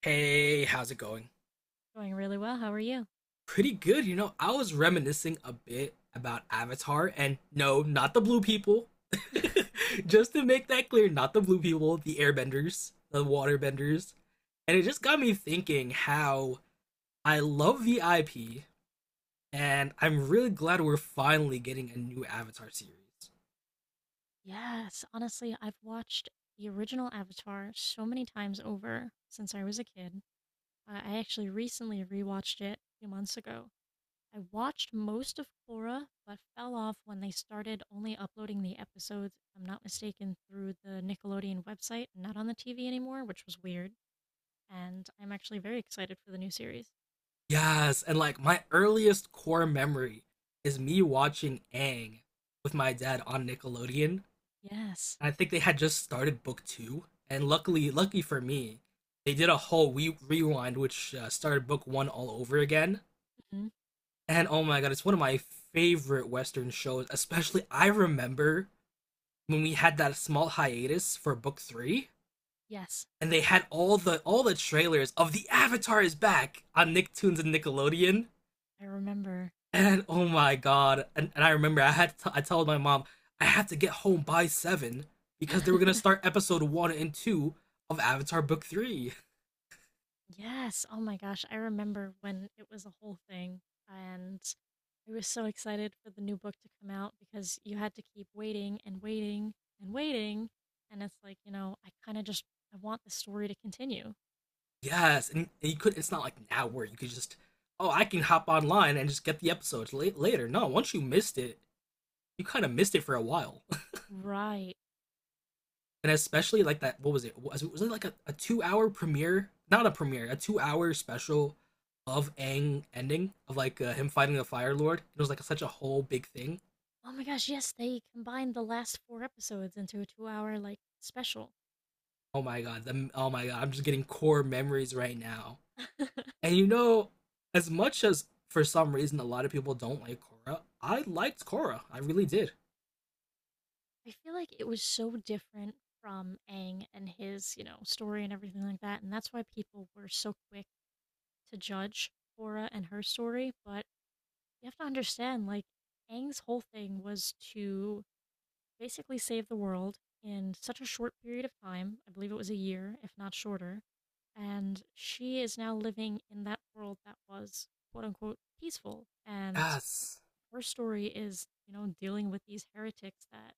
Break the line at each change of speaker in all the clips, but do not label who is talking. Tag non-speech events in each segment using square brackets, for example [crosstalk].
Hey, how's it going?
Doing really well. How are you? [laughs]
Pretty good. You know, I was reminiscing a bit about Avatar, and no, not the blue people. [laughs] Just to make that clear, not the blue people, the airbenders, the waterbenders. And it just got me thinking how I love the IP, and I'm really glad we're finally getting a new Avatar series.
Yes, honestly, I've watched the original Avatar so many times over since I was a kid. I actually recently rewatched it a few months ago. I watched most of Korra, but fell off when they started only uploading the episodes, if I'm not mistaken, through the Nickelodeon website, not on the TV anymore, which was weird. And I'm actually very excited for the new series.
Yes, and like my earliest core memory is me watching Aang with my dad on Nickelodeon.
Yes.
I think they had just started book two, and lucky for me, they did a whole rewind, which started book one all over again.
Hmm.
And oh my god, it's one of my favorite Western shows. Especially, I remember when we had that small hiatus for book three,
Yes,
and they had all the trailers of the Avatar is back on Nicktoons and Nickelodeon.
I remember.
And oh my god! And I remember I told my mom I had to get home by seven because they were gonna
[laughs]
start episode one and two of Avatar Book Three.
Yes. Oh my gosh. I remember when it was a whole thing. And I was so excited for the new book to come out because you had to keep waiting and waiting and waiting. And it's like, you know, I kind of just I want the story to continue.
Yes, and you could. It's not like now where you could just oh I can hop online and just get the episodes later. No, once you missed it, you kind of missed it for a while. [laughs]
Right.
And especially like that, what was it? Was it like a 2-hour premiere? Not a premiere, a 2-hour special of Aang ending of like him fighting the Fire Lord. It was like such a whole big thing.
Oh my gosh, yes, they combined the last four episodes into a 2-hour like special.
Oh my god, oh my god, I'm just getting core memories right now.
[laughs]
And you know, as much as for some reason a lot of people don't like Korra, I liked Korra. I really did.
I feel like it was so different from Aang and his, you know, story and everything like that. And that's why people were so quick to judge Korra and her story. But you have to understand, like, Aang's whole thing was to basically save the world in such a short period of time. I believe it was a year, if not shorter. And she is now living in that world that was quote unquote peaceful. And
Yes,
her story is, you know, dealing with these heretics that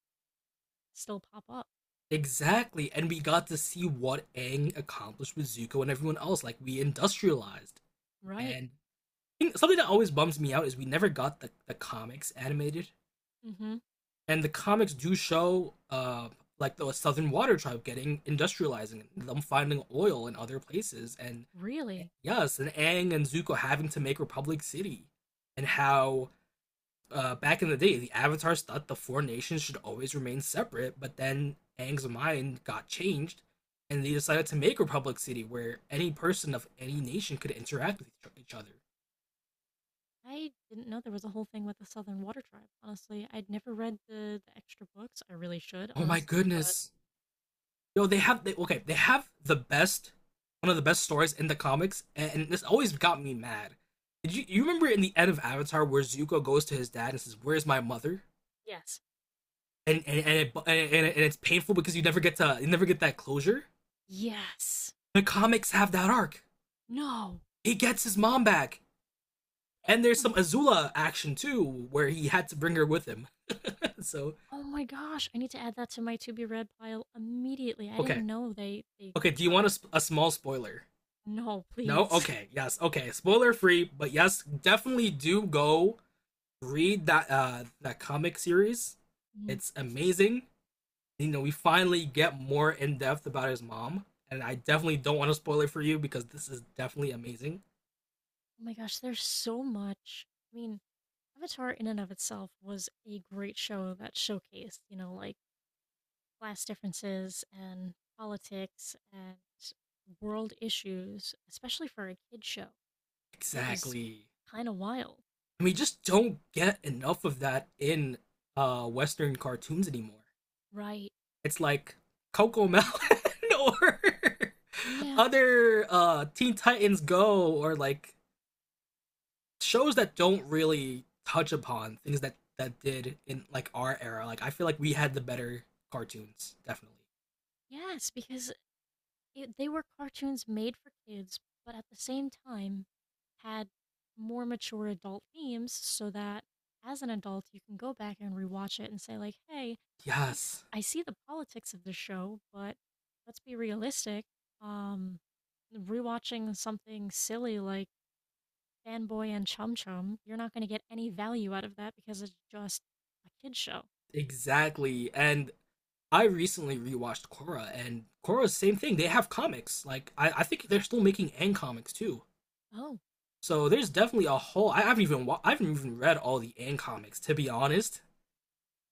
still pop up.
exactly. And we got to see what Aang accomplished with Zuko and everyone else. Like we industrialized.
Right.
And something that always bums me out is we never got the comics animated.
Mm-hmm.
And the comics do show like the Southern Water Tribe getting industrializing, them finding oil in other places, and
Really?
yes, and Aang and Zuko having to make Republic City, and how back in the day the Avatars thought the four nations should always remain separate, but then Aang's mind got changed, and they decided to make Republic City where any person of any nation could interact with each other.
I didn't know there was a whole thing with the Southern Water Tribe. Honestly, I'd never read the extra books. I really should,
Oh my
honestly. But
goodness! Yo, they have, the best one of the best stories in the comics, and this always got me mad. Did you remember in the end of Avatar where Zuko goes to his dad and says, "Where's my mother?"
yes.
And, it, and, it's painful because you never get that closure.
Yes.
The comics have that arc.
No.
He gets his mom back, and there's some Azula action too where he had to bring her with him. [laughs] So
Oh my gosh, I need to add that to my to be read pile immediately. I
okay,
didn't know they
okay. Do
touched
you
on
want
that.
a small spoiler?
No,
No.
please. [laughs]
Okay. Yes. Okay. Spoiler free, but yes, definitely do go read that comic series.
Mhm.
It's amazing. You know, we finally get more in depth about his mom, and I definitely don't want to spoil it for you because this is definitely amazing.
Oh my gosh, there's so much. I mean, Avatar in and of itself was a great show that showcased, you know, like class differences and politics and world issues, especially for a kid show. It was
Exactly.
kind of wild,
And we just don't get enough of that in western cartoons anymore.
right?
It's like Coco Melon [laughs] or [laughs]
Yeah.
other Teen Titans Go or like shows that don't really touch upon things that did in like our era. Like I feel like we had the better cartoons, definitely.
Yes, because it they were cartoons made for kids, but at the same time had more mature adult themes so that as an adult you can go back and rewatch it and say like, "Hey, I, s-
Yes,
I see the politics of the show, but let's be realistic. Um rewatching something silly like Fanboy and Chum Chum, you're not going to get any value out of that because it's just a kids' show."
exactly. And I recently rewatched Korra, and Korra's same thing. They have comics. Like I think they're still making Ang comics too.
Oh.
So there's definitely a whole. I haven't even read all the Ang comics to be honest.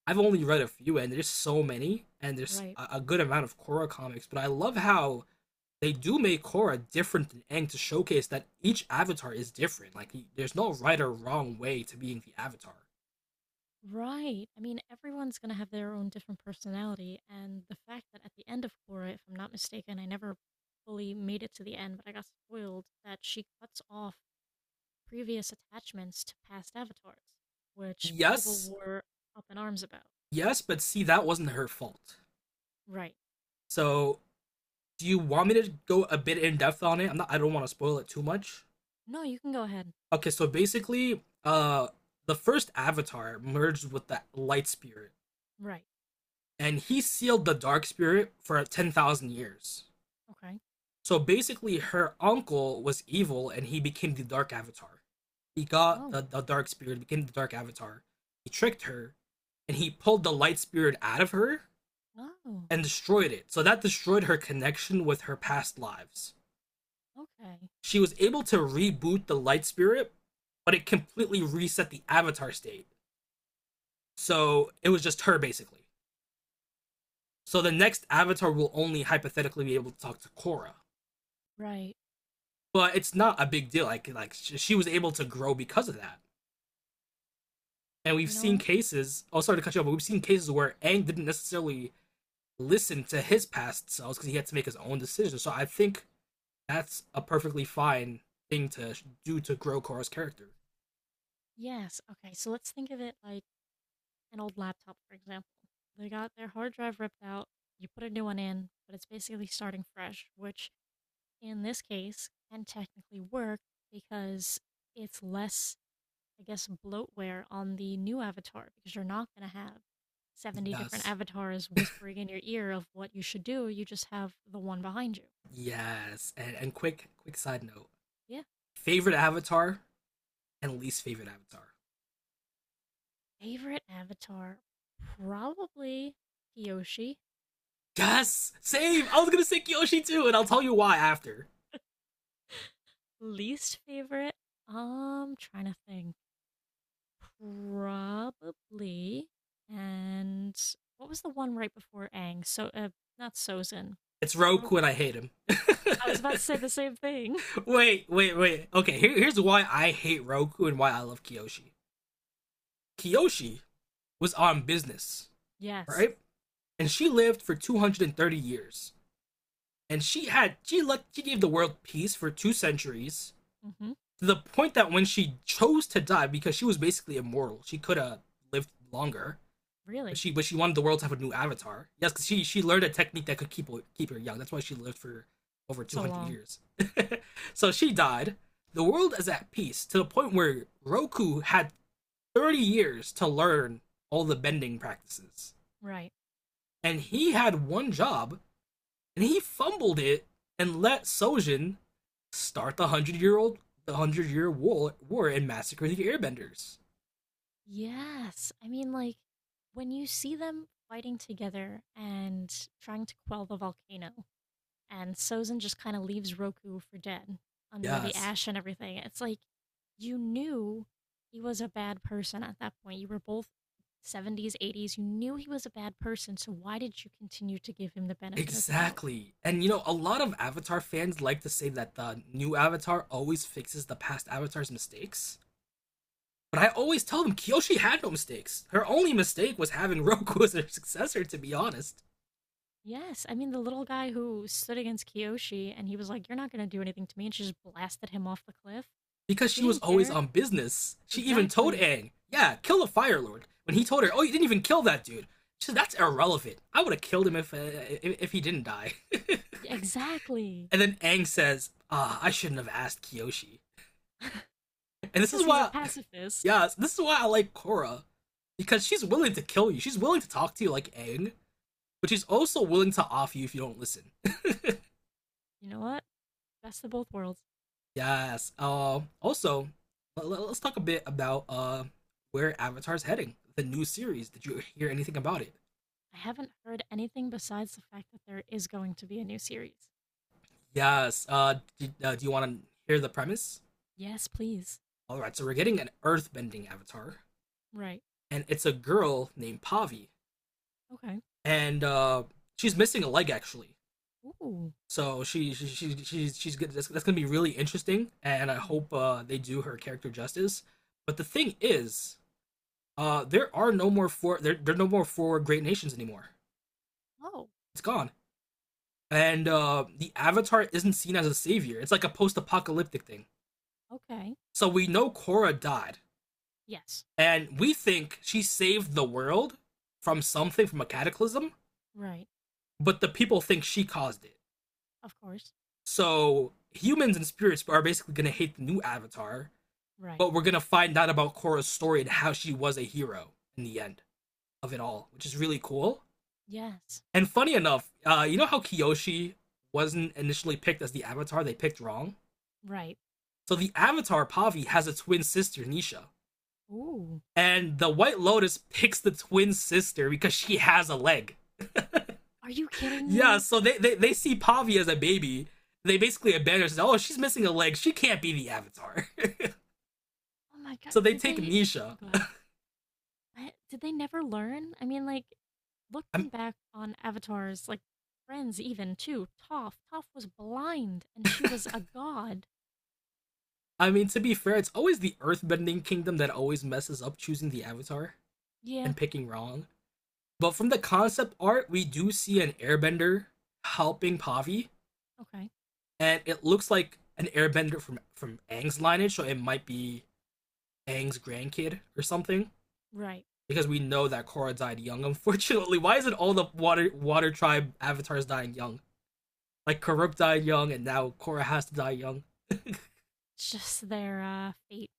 I've
Hmm,
only read a few, and there's so many, and there's
right.
a good amount of Korra comics. But I love how they do make Korra different than Aang to showcase that each avatar is different. Like there's no right or wrong way to being the avatar.
Right. I mean, everyone's going to have their own different personality. And the fact that at the end of Korra, if I'm not mistaken, I never fully made it to the end, but I got spoiled that she cuts off previous attachments to past avatars, which people
Yes,
were up in arms about.
yes, but see that wasn't her fault.
Right.
So do you want me to go a bit in depth on it? I don't want to spoil it too much.
No, you can go ahead.
Okay, so basically, the first avatar merged with the light spirit
Right.
and he sealed the dark spirit for 10,000 years.
Okay.
So basically, her uncle was evil, and he became the Dark Avatar. He got
Oh.
the Dark Spirit, became the Dark Avatar. He tricked her, and he pulled the Light Spirit out of her
Oh.
and destroyed it. So that destroyed her connection with her past lives.
Okay.
She was able to reboot the Light Spirit, but it completely reset the Avatar state. So it was just her, basically. So the next Avatar will only hypothetically be able to talk to Korra.
Right.
But it's not a big deal. Like she was able to grow because of that. And we've
You know
seen
what?
cases, oh, sorry to cut you off, but we've seen cases where Aang didn't necessarily listen to his past selves because he had to make his own decisions. So I think that's a perfectly fine thing to do to grow Korra's character.
Yes. Okay. So let's think of it like an old laptop, for example. They got their hard drive ripped out, you put a new one in, but it's basically starting fresh, which in this case can technically work because it's less, I guess, bloatware on the new avatar because you're not going to have 70 different
Yes.
avatars whispering in your ear of what you should do. You just have the one behind you.
Yes. And quick side note
Yeah.
favorite avatar and least favorite avatar.
Favorite avatar? Probably Kyoshi.
Yes! Same! I was
[laughs]
gonna say Kyoshi too, and I'll tell you why after.
Least favorite? Trying to think. Probably. And what was the one right before Aang? So, not Sozin.
It's Roku
Roku.
and I hate him.
I was
[laughs]
about to say the same thing. [laughs]
Wait, wait, wait. Okay, here's why I hate Roku and why I love Kyoshi. Kiyoshi was on business,
Yes.
right? And she lived for 230 years. And she had she let she gave the world peace for two centuries
Hmm.
to the point that when she chose to die because she was basically immortal, she could have lived longer. But
Really?
she but she wanted the world to have a new avatar. Yes, because she learned a technique that could keep her young. That's why she lived for over
So
200
long.
years. [laughs] So she died. The world is at peace to the point where Roku had 30 years to learn all the bending practices.
Right.
And he had one job, and he fumbled it and let Sojin start the hundred year war and massacre the airbenders.
Yes. I mean, like, when you see them fighting together and trying to quell the volcano, and Sozin just kind of leaves Roku for dead under the
Yes.
ash and everything. It's like you knew he was a bad person at that point. You were both 70s, 80s. You knew he was a bad person, so why did you continue to give him the benefit of the doubt?
Exactly. And you know, a lot of Avatar fans like to say that the new Avatar always fixes the past Avatar's mistakes. But I always tell them Kyoshi had no mistakes. Her only mistake was having [laughs] Roku as her successor, to be honest.
Yes, I mean the little guy who stood against Kiyoshi and he was like, "You're not going to do anything to me," and she just blasted him off the cliff.
Because
She
she was
didn't
always
care.
on business. She even told
Exactly.
Aang, yeah, kill the Fire Lord. When he told her, oh, you didn't even kill that dude. She said, that's irrelevant. I would have killed him if he didn't die. [laughs]
Yeah, exactly.
And then Aang says, oh, I shouldn't have asked Kyoshi. And
It's
this is
because he's a
why, [laughs]
pacifist.
yeah, this is why I like Korra. Because she's willing to kill you. She's willing to talk to you like Aang, but she's also willing to off you if you don't listen.
You know what? Best of both worlds.
Yes. Also, us talk a bit about where Avatar's heading. The new series. Did you hear anything about it?
I haven't heard anything besides the fact that there is going to be a new series.
Yes. D Do you want to hear the premise?
Yes, please.
All right. So we're getting an earthbending Avatar,
Right.
and it's a girl named Pavi,
Okay.
and she's missing a leg actually.
Ooh.
So she's good. That's gonna be really interesting, and I
Right.
hope they do her character justice. But the thing is, there are no more four great nations anymore.
Oh,
It's gone. And the Avatar isn't seen as a savior. It's like a post-apocalyptic thing.
okay.
So we know Korra died,
Yes.
and we think she saved the world from something, from a cataclysm,
Right.
but the people think she caused it.
Of course.
So humans and spirits are basically gonna hate the new Avatar,
Right.
but we're gonna find out about Korra's story and how she was a hero in the end of it all, which is really cool.
Yes.
And funny enough, you know how Kyoshi wasn't initially picked as the Avatar; they picked wrong.
Right.
So the Avatar Pavi has a twin sister, Nisha.
Ooh.
And the White Lotus picks the twin sister because she has a leg.
Are you kidding
Yeah,
me?
so they see Pavi as a baby. They basically abandon her says, oh, she's missing a leg. She can't be the Avatar. [laughs]
Oh my god.
So they
Did
take
they
Nisha.
Go ahead. I- did they never learn? I mean, like
i
looking back on Avatar's like friends even too, Toph. Toph was blind and she was a god.
I mean, to be fair, it's always the earthbending kingdom that always messes up choosing the Avatar
Yeah.
and picking wrong. But from the concept art, we do see an airbender helping Pavi
Okay.
and it looks like an airbender from Aang's lineage, so it might be Aang's grandkid or something.
Right.
Because we know that Korra died young, [laughs] unfortunately. Why is it all the water tribe avatars dying young? Like Karuk died young, and now Korra has to die young.
It's just their fate.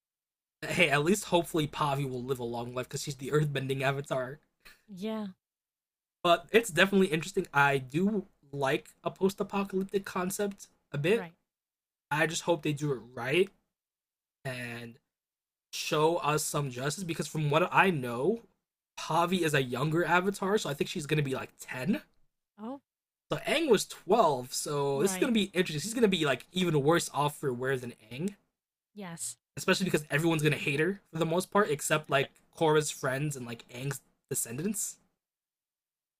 Hey, at least hopefully Pavi will live a long life because she's the earthbending avatar.
Yeah,
But it's definitely interesting. I do like a post-apocalyptic concept a bit.
right.
I just hope they do it right and show us some justice because from what I know, Pavi is a younger avatar, so I think she's gonna be like 10.
Oh,
So Aang was 12, so this is gonna
right.
be interesting. She's gonna be like even worse off for wear than Aang.
Yes.
Especially because everyone's gonna hate her for the most part, except like Korra's friends and like Aang's descendants.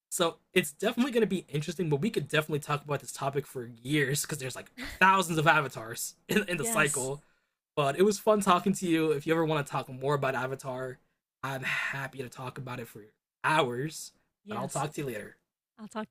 So it's definitely going to be interesting, but we could definitely talk about this topic for years because there's like
[laughs]
thousands of avatars [laughs] in the
Yes.
cycle. But it was fun talking to you. If you ever want to talk more about Avatar, I'm happy to talk about it for hours. But I'll
Yes.
talk to you later.
I'll talk